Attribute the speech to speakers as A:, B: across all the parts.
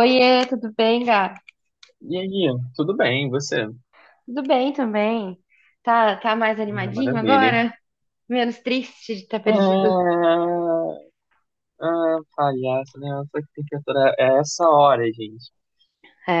A: Oiê, tudo bem, Gá?
B: E aí, tudo bem, e você?
A: Tudo bem também. Tá, tá mais
B: Ah,
A: animadinho
B: maravilha.
A: agora? Menos triste de ter perdido?
B: Ah, ah, palhaço, né? Só que tem que aturar. É essa hora, gente.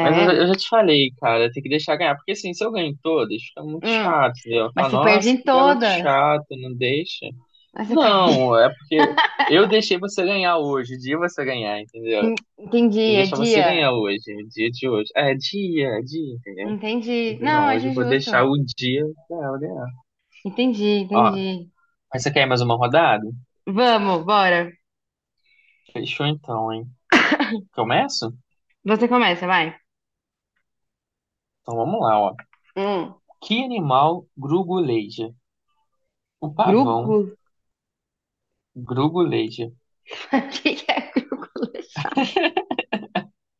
B: Mas eu já te falei, cara, tem que deixar ganhar. Porque assim, se eu ganho todas, fica muito
A: hum,
B: chato, entendeu?
A: mas
B: Fala,
A: você perde
B: nossa,
A: em
B: que garoto
A: todas.
B: chato, não deixa.
A: Mas você perde.
B: Não, é porque eu deixei você ganhar hoje, o dia você ganhar, entendeu?
A: Entendi,
B: Eu
A: é
B: deixar você
A: dia.
B: ganhar hoje, o dia de hoje. É, dia, dia, entendeu? Eu
A: Entendi.
B: falei,
A: Não,
B: não, hoje
A: acho
B: eu vou
A: justo.
B: deixar o dia dela ganhar.
A: Entendi,
B: Ó,
A: entendi.
B: mas você quer mais uma rodada?
A: Vamos, bora.
B: Fechou então, hein? Começo?
A: Você começa, vai.
B: Então vamos lá, ó.
A: Hum,
B: Que animal gruguleja? O pavão
A: grugo?
B: gruguleja.
A: O que que é grugo?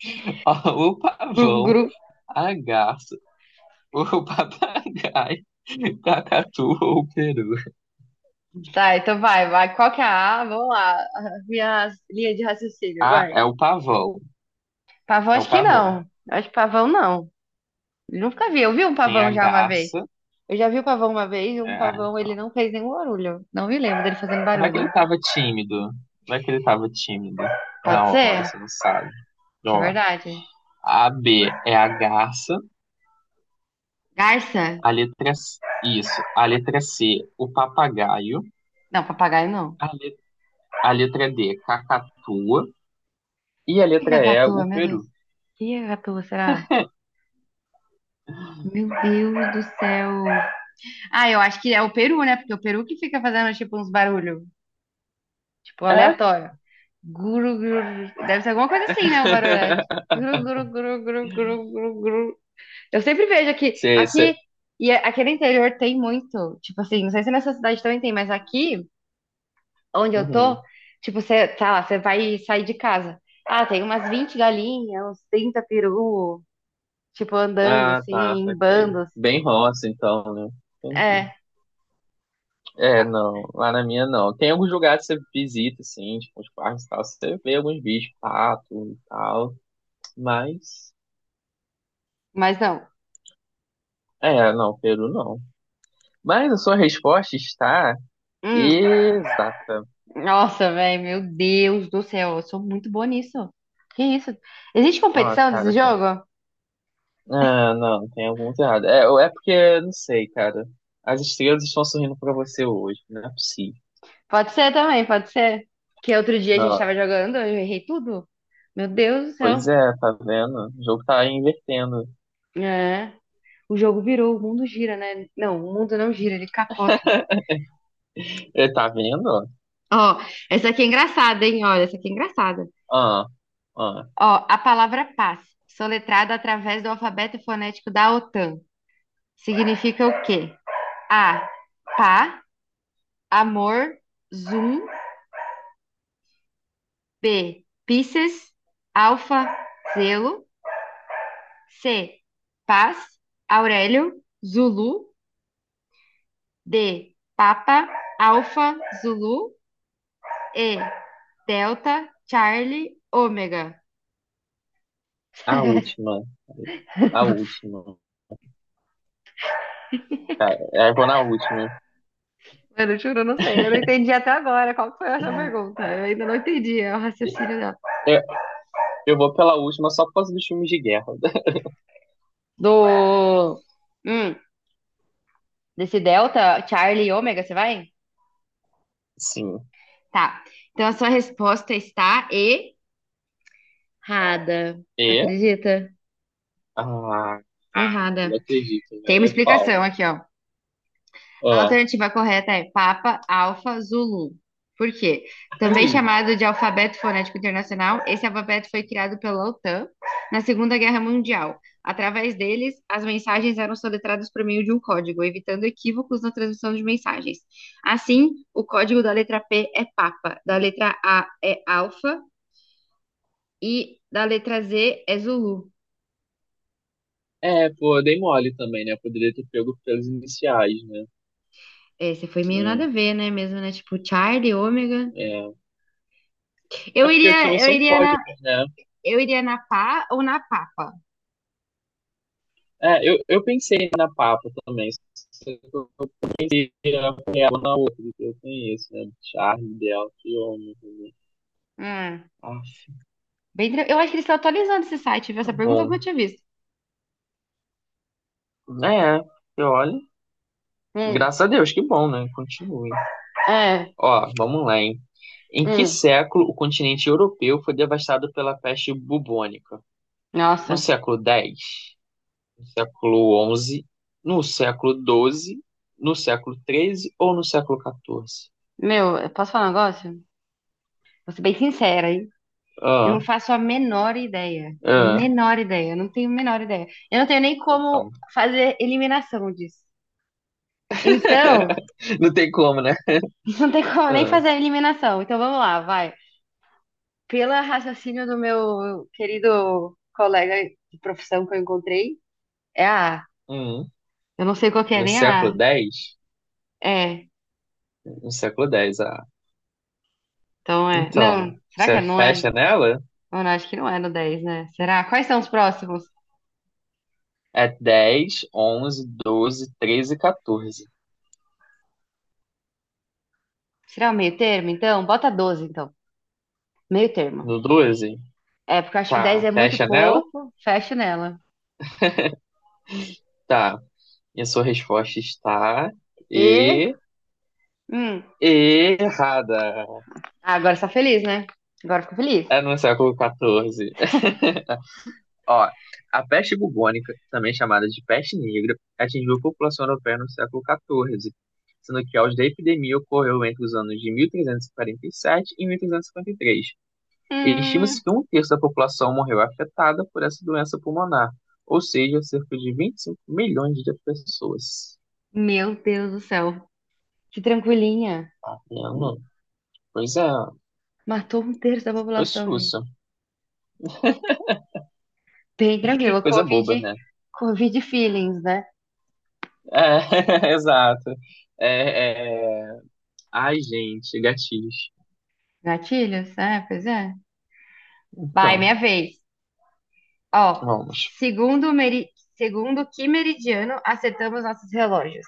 B: O
A: Gru,
B: pavão,
A: gru.
B: a garça, o papagaio, cacatu ou o peru.
A: Tá, então vai, vai. Qual que é a A? Vamos lá. Minha linha de raciocínio,
B: Ah,
A: vai.
B: é o pavão.
A: Pavão,
B: É o
A: acho que
B: pavão.
A: não. Acho que pavão não. Nunca vi. Eu vi um
B: Tem a
A: pavão já uma vez.
B: garça.
A: Eu já vi o pavão uma vez e um pavão ele
B: Então.
A: não fez nenhum barulho. Não me lembro dele fazendo
B: Vai que
A: barulho.
B: ele tava tímido. Vai que ele tava tímido. Na
A: Pode
B: hora,
A: ser?
B: você não sabe.
A: Isso
B: Então,
A: é
B: ó,
A: verdade.
B: a B é a garça.
A: Garça?
B: A letra C, isso. A letra C, o papagaio.
A: Não, papagaio não. O
B: A, le- a letra D, cacatua. E a
A: que é
B: letra E,
A: cacatua,
B: o
A: meu
B: Peru.
A: Deus? O que é cacatua, será? Meu Deus do céu. Ah, eu acho que é o peru, né? Porque é o peru que fica fazendo tipo uns barulhos, tipo
B: É?
A: aleatório. Guru, guru. Deve ser alguma coisa assim, né? Um barulho. Guru, guru, guru, guru, guru, guru, guru. Eu sempre vejo aqui,
B: Cê...
A: aqui, e aqui no interior tem muito, tipo assim, não sei se nessa cidade também tem, mas aqui, onde eu tô,
B: Uhum.
A: tipo, você, tá lá, você vai sair de casa. Ah, tem umas 20 galinhas, uns 30 peru, tipo, andando
B: Ah,
A: assim,
B: tá,
A: em
B: saquei.
A: bandos.
B: Bem roça, então, né? Entendi.
A: É,
B: É, não, lá na minha não. Tem alguns lugares que você visita, assim, tipo, os parques e tal, você vê alguns bichos, pato e tal, mas,
A: mas não.
B: é, não, Peru não. Mas a sua resposta está
A: Hum,
B: exata.
A: nossa, velho, meu Deus do céu, eu sou muito boa nisso. Que isso? Existe
B: Ó,
A: competição desse
B: cara,
A: jogo?
B: ah, não, tem algum errado. É, ou é porque, não sei, cara. As estrelas estão sorrindo pra você hoje, não é possível.
A: Pode ser também, pode ser. Que outro dia a gente
B: Não,
A: tava jogando, eu errei tudo. Meu Deus do céu.
B: pois é, tá vendo? O jogo tá invertendo.
A: É. O jogo virou, o mundo gira, né? Não, o mundo não gira, ele capota.
B: É, tá vendo?
A: Ó, essa aqui é engraçada, hein? Olha, essa aqui é engraçada.
B: Ah, ah,
A: Ó, a palavra paz, soletrada através do alfabeto fonético da OTAN, significa o quê? A, pá, amor, zoom. B, Pisces, alfa, zelo. C, paz, Aurélio, Zulu. D, Papa, Alfa, Zulu. E, Delta, Charlie, Ômega.
B: a última. A última. É, eu vou na última.
A: Mano, eu juro, eu não sei. Eu não entendi até agora qual que foi essa pergunta. Eu ainda não entendi o raciocínio dela.
B: Eu, eu vou pela última só por causa dos filmes de guerra.
A: Do. Hum, desse Delta, Charlie e Ômega, você vai?
B: Sim.
A: Tá. Então a sua resposta está errada.
B: E?
A: Acredita?
B: Ah, ah, não
A: Errada.
B: acredito,
A: Tem uma
B: velho. É qual?
A: explicação aqui, ó. A
B: Ó.
A: alternativa correta é Papa Alfa Zulu. Por quê? Também
B: Ai,
A: chamado de alfabeto fonético internacional, esse alfabeto foi criado pela OTAN na Segunda Guerra Mundial. Através deles, as mensagens eram soletradas por meio de um código, evitando equívocos na transmissão de mensagens. Assim, o código da letra P é Papa, da letra A é Alfa e da letra Z é Zulu.
B: é, pô, dei mole também, né? Poderia ter pego pelos iniciais, né?
A: Esse foi meio nada
B: É,
A: a ver, né? Mesmo, né? Tipo, Charlie, Ômega.
B: é. É
A: Eu
B: porque eles
A: iria,
B: também
A: eu
B: são
A: iria na
B: códigos, né?
A: Eu iria na Pá ou na Papa?
B: É, eu pensei na Papa também. Só que eu pensei ela na outra que eu conheço, né? Charlie dela, que homem, né?
A: Hum,
B: Ah,
A: bem, eu acho que eles estão atualizando esse site, viu? Essa
B: tá
A: pergunta eu
B: bom.
A: nunca tinha visto.
B: É, e olha.
A: Hum,
B: Graças a Deus, que bom, né? Continue.
A: é,
B: Ó, vamos lá, hein? Em que
A: hum.
B: século o continente europeu foi devastado pela peste bubônica? No
A: Nossa,
B: século X, no século onze, no século doze, no século treze ou no século XIV?
A: meu, eu posso falar um negócio? Vou ser bem sincera, hein? Eu
B: Ah,
A: não faço a menor ideia.
B: ah,
A: Menor ideia, eu não tenho a menor ideia. Eu não tenho nem como
B: então.
A: fazer eliminação disso. Então,
B: Não tem como, né?
A: não tem como nem
B: Ah,
A: fazer a eliminação. Então vamos lá, vai. Pelo raciocínio do meu querido colega de profissão que eu encontrei, é a A.
B: hum,
A: Eu não sei qual que é
B: no
A: nem a A.
B: século dez,
A: É,
B: no século dez.
A: então é. Não,
B: Então,
A: será que é?
B: você
A: Não é?
B: fecha nela?
A: Não, não, acho que não é no 10, né? Será? Quais são os próximos?
B: É 10, 11, 12, 13 e 14.
A: Será o meio termo, então? Bota 12, então. Meio termo.
B: No 12,
A: É, porque eu acho que dez
B: tá,
A: é muito
B: fecha nela?
A: pouco, fecho nela.
B: Tá. E a sua resposta está...
A: E.
B: E...
A: Hum,
B: Errada.
A: ah, agora você tá feliz, né? Agora ficou feliz.
B: É no século XIV. Ó, a peste bubônica, também chamada de peste negra, atingiu a população europeia no século XIV, sendo que a auge da epidemia ocorreu entre os anos de 1347 e 1353.
A: Hum,
B: Estima-se que um terço da população morreu afetada por essa doença pulmonar, ou seja, cerca de 25 milhões de pessoas.
A: meu Deus do céu. Que tranquilinha.
B: Tá vendo? Pois é,
A: Matou um terço da
B: foi
A: população, gente.
B: sussa.
A: Bem tranquilo.
B: Coisa boba,
A: Covid,
B: né?
A: Covid feelings, né?
B: É, exato. É, é... Ai, gente, gatilhos.
A: Gatilhos, é, pois é. Vai,
B: Então,
A: minha vez. Ó,
B: vamos.
A: segundo, meri... segundo que meridiano acertamos nossos relógios?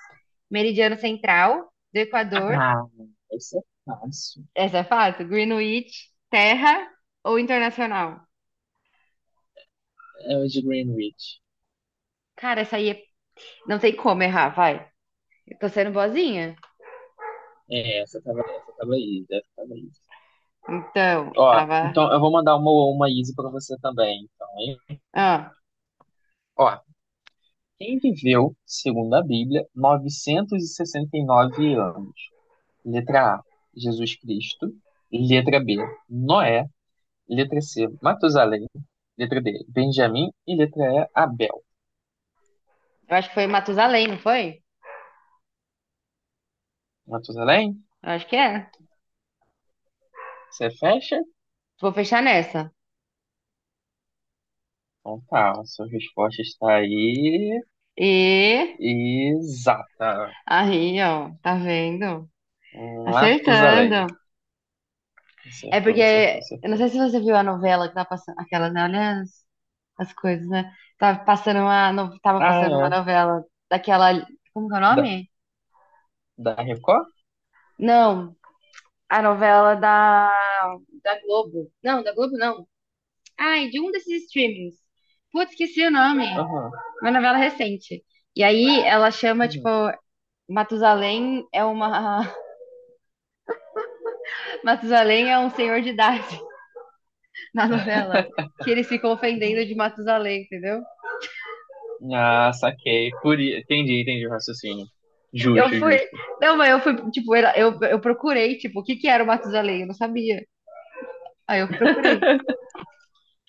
A: Meridiano central, do Equador,
B: Ah, essa é fácil.
A: essa é fácil, Greenwich, terra ou internacional?
B: É o de Greenwich.
A: Cara, essa aí é... não tem como errar, vai. Eu tô sendo boazinha.
B: É, essa tava aí, essa tava aí.
A: Então,
B: Ó,
A: tava.
B: então eu vou mandar uma easy pra você também, então, hein?
A: Ah,
B: Ó, quem viveu, segundo a Bíblia, 969 anos? Letra A, Jesus Cristo. Letra B, Noé. Letra C, Matusalém. Letra D, Benjamim. E letra E, Abel.
A: eu acho que foi Matusalém, não foi?
B: Matusalém,
A: Eu acho que é.
B: você fecha?
A: Vou fechar nessa.
B: Então tá, a sua resposta está aí.
A: E
B: Exata.
A: aí, ó, tá vendo?
B: Um lápis
A: Acertando.
B: Matusalém.
A: É
B: Acertou, acertou,
A: porque, eu não
B: acertou.
A: sei se você viu a novela que tá passando, aquela, né? Olha as, as coisas, né? Tava passando uma, tava
B: Ah,
A: passando uma
B: é.
A: novela daquela, como que é o
B: Da,
A: nome?
B: da Record?
A: Não, a novela da, da Globo. Não, da Globo não. Ai, de um desses streamings. Putz, esqueci o nome.
B: Aham.
A: Uma novela recente. E aí ela chama, tipo,
B: Uhum.
A: Matusalém é uma, Matusalém é um senhor de idade na novela, que eles ficam ofendendo de Matusalém, entendeu?
B: Ah, saquei. Entendi, entendi o raciocínio.
A: Eu
B: Justo,
A: fui.
B: justo.
A: Não, mas eu fui, tipo, eu procurei, tipo, o que que era o Matusalém? Eu não sabia. Aí eu procurei,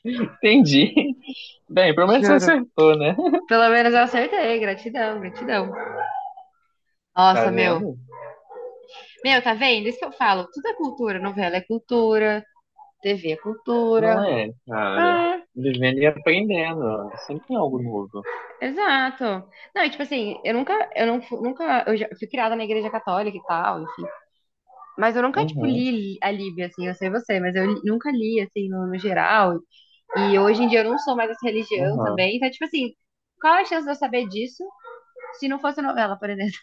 B: Entendi. Bem, pelo menos você
A: juro.
B: acertou, né?
A: Pelo menos eu acertei, gratidão, gratidão.
B: Tá
A: Nossa, meu.
B: vendo?
A: Meu, tá vendo? Isso que eu falo. Tudo é cultura. Novela é cultura, TV é
B: Não
A: cultura.
B: é, cara.
A: Ah,
B: Vivendo e aprendendo. Sempre tem algo novo.
A: exato. Não, e tipo assim, eu nunca, eu não, nunca, eu já fui criada na igreja católica e tal, enfim. Mas eu nunca, tipo,
B: Uhum,
A: li a Bíblia, assim, eu sei você, mas eu nunca li, assim, no, no geral, e hoje em dia eu não sou mais dessa religião
B: uhum.
A: também. Então, tipo assim, qual a chance de eu saber disso se não fosse novela, por exemplo?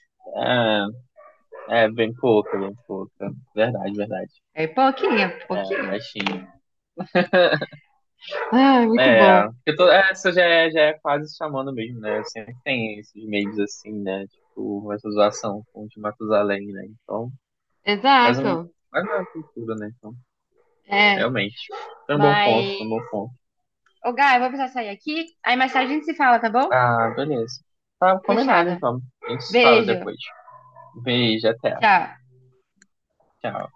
B: É, é bem pouca, bem pouca. Verdade, verdade.
A: É pouquinho,
B: É,
A: pouquinho.
B: baixinho.
A: Ah, muito
B: É,
A: bom.
B: porque é, essa já é quase chamando mesmo, né? Sempre tem esses meios assim, né? Tipo, essa zoação com o de Matusalém, né? Então, faz
A: Exato.
B: um, faz uma cultura, né? Então,
A: É,
B: realmente. Foi um bom ponto,
A: mas...
B: foi um bom ponto.
A: Ô, Gá, eu vou precisar sair aqui. Aí mais tarde a gente se fala, tá bom?
B: Ah, beleza. Tá combinado,
A: Fechado.
B: então. A gente se fala
A: Beijo.
B: depois. Beijo, até.
A: Tchau.
B: Tchau.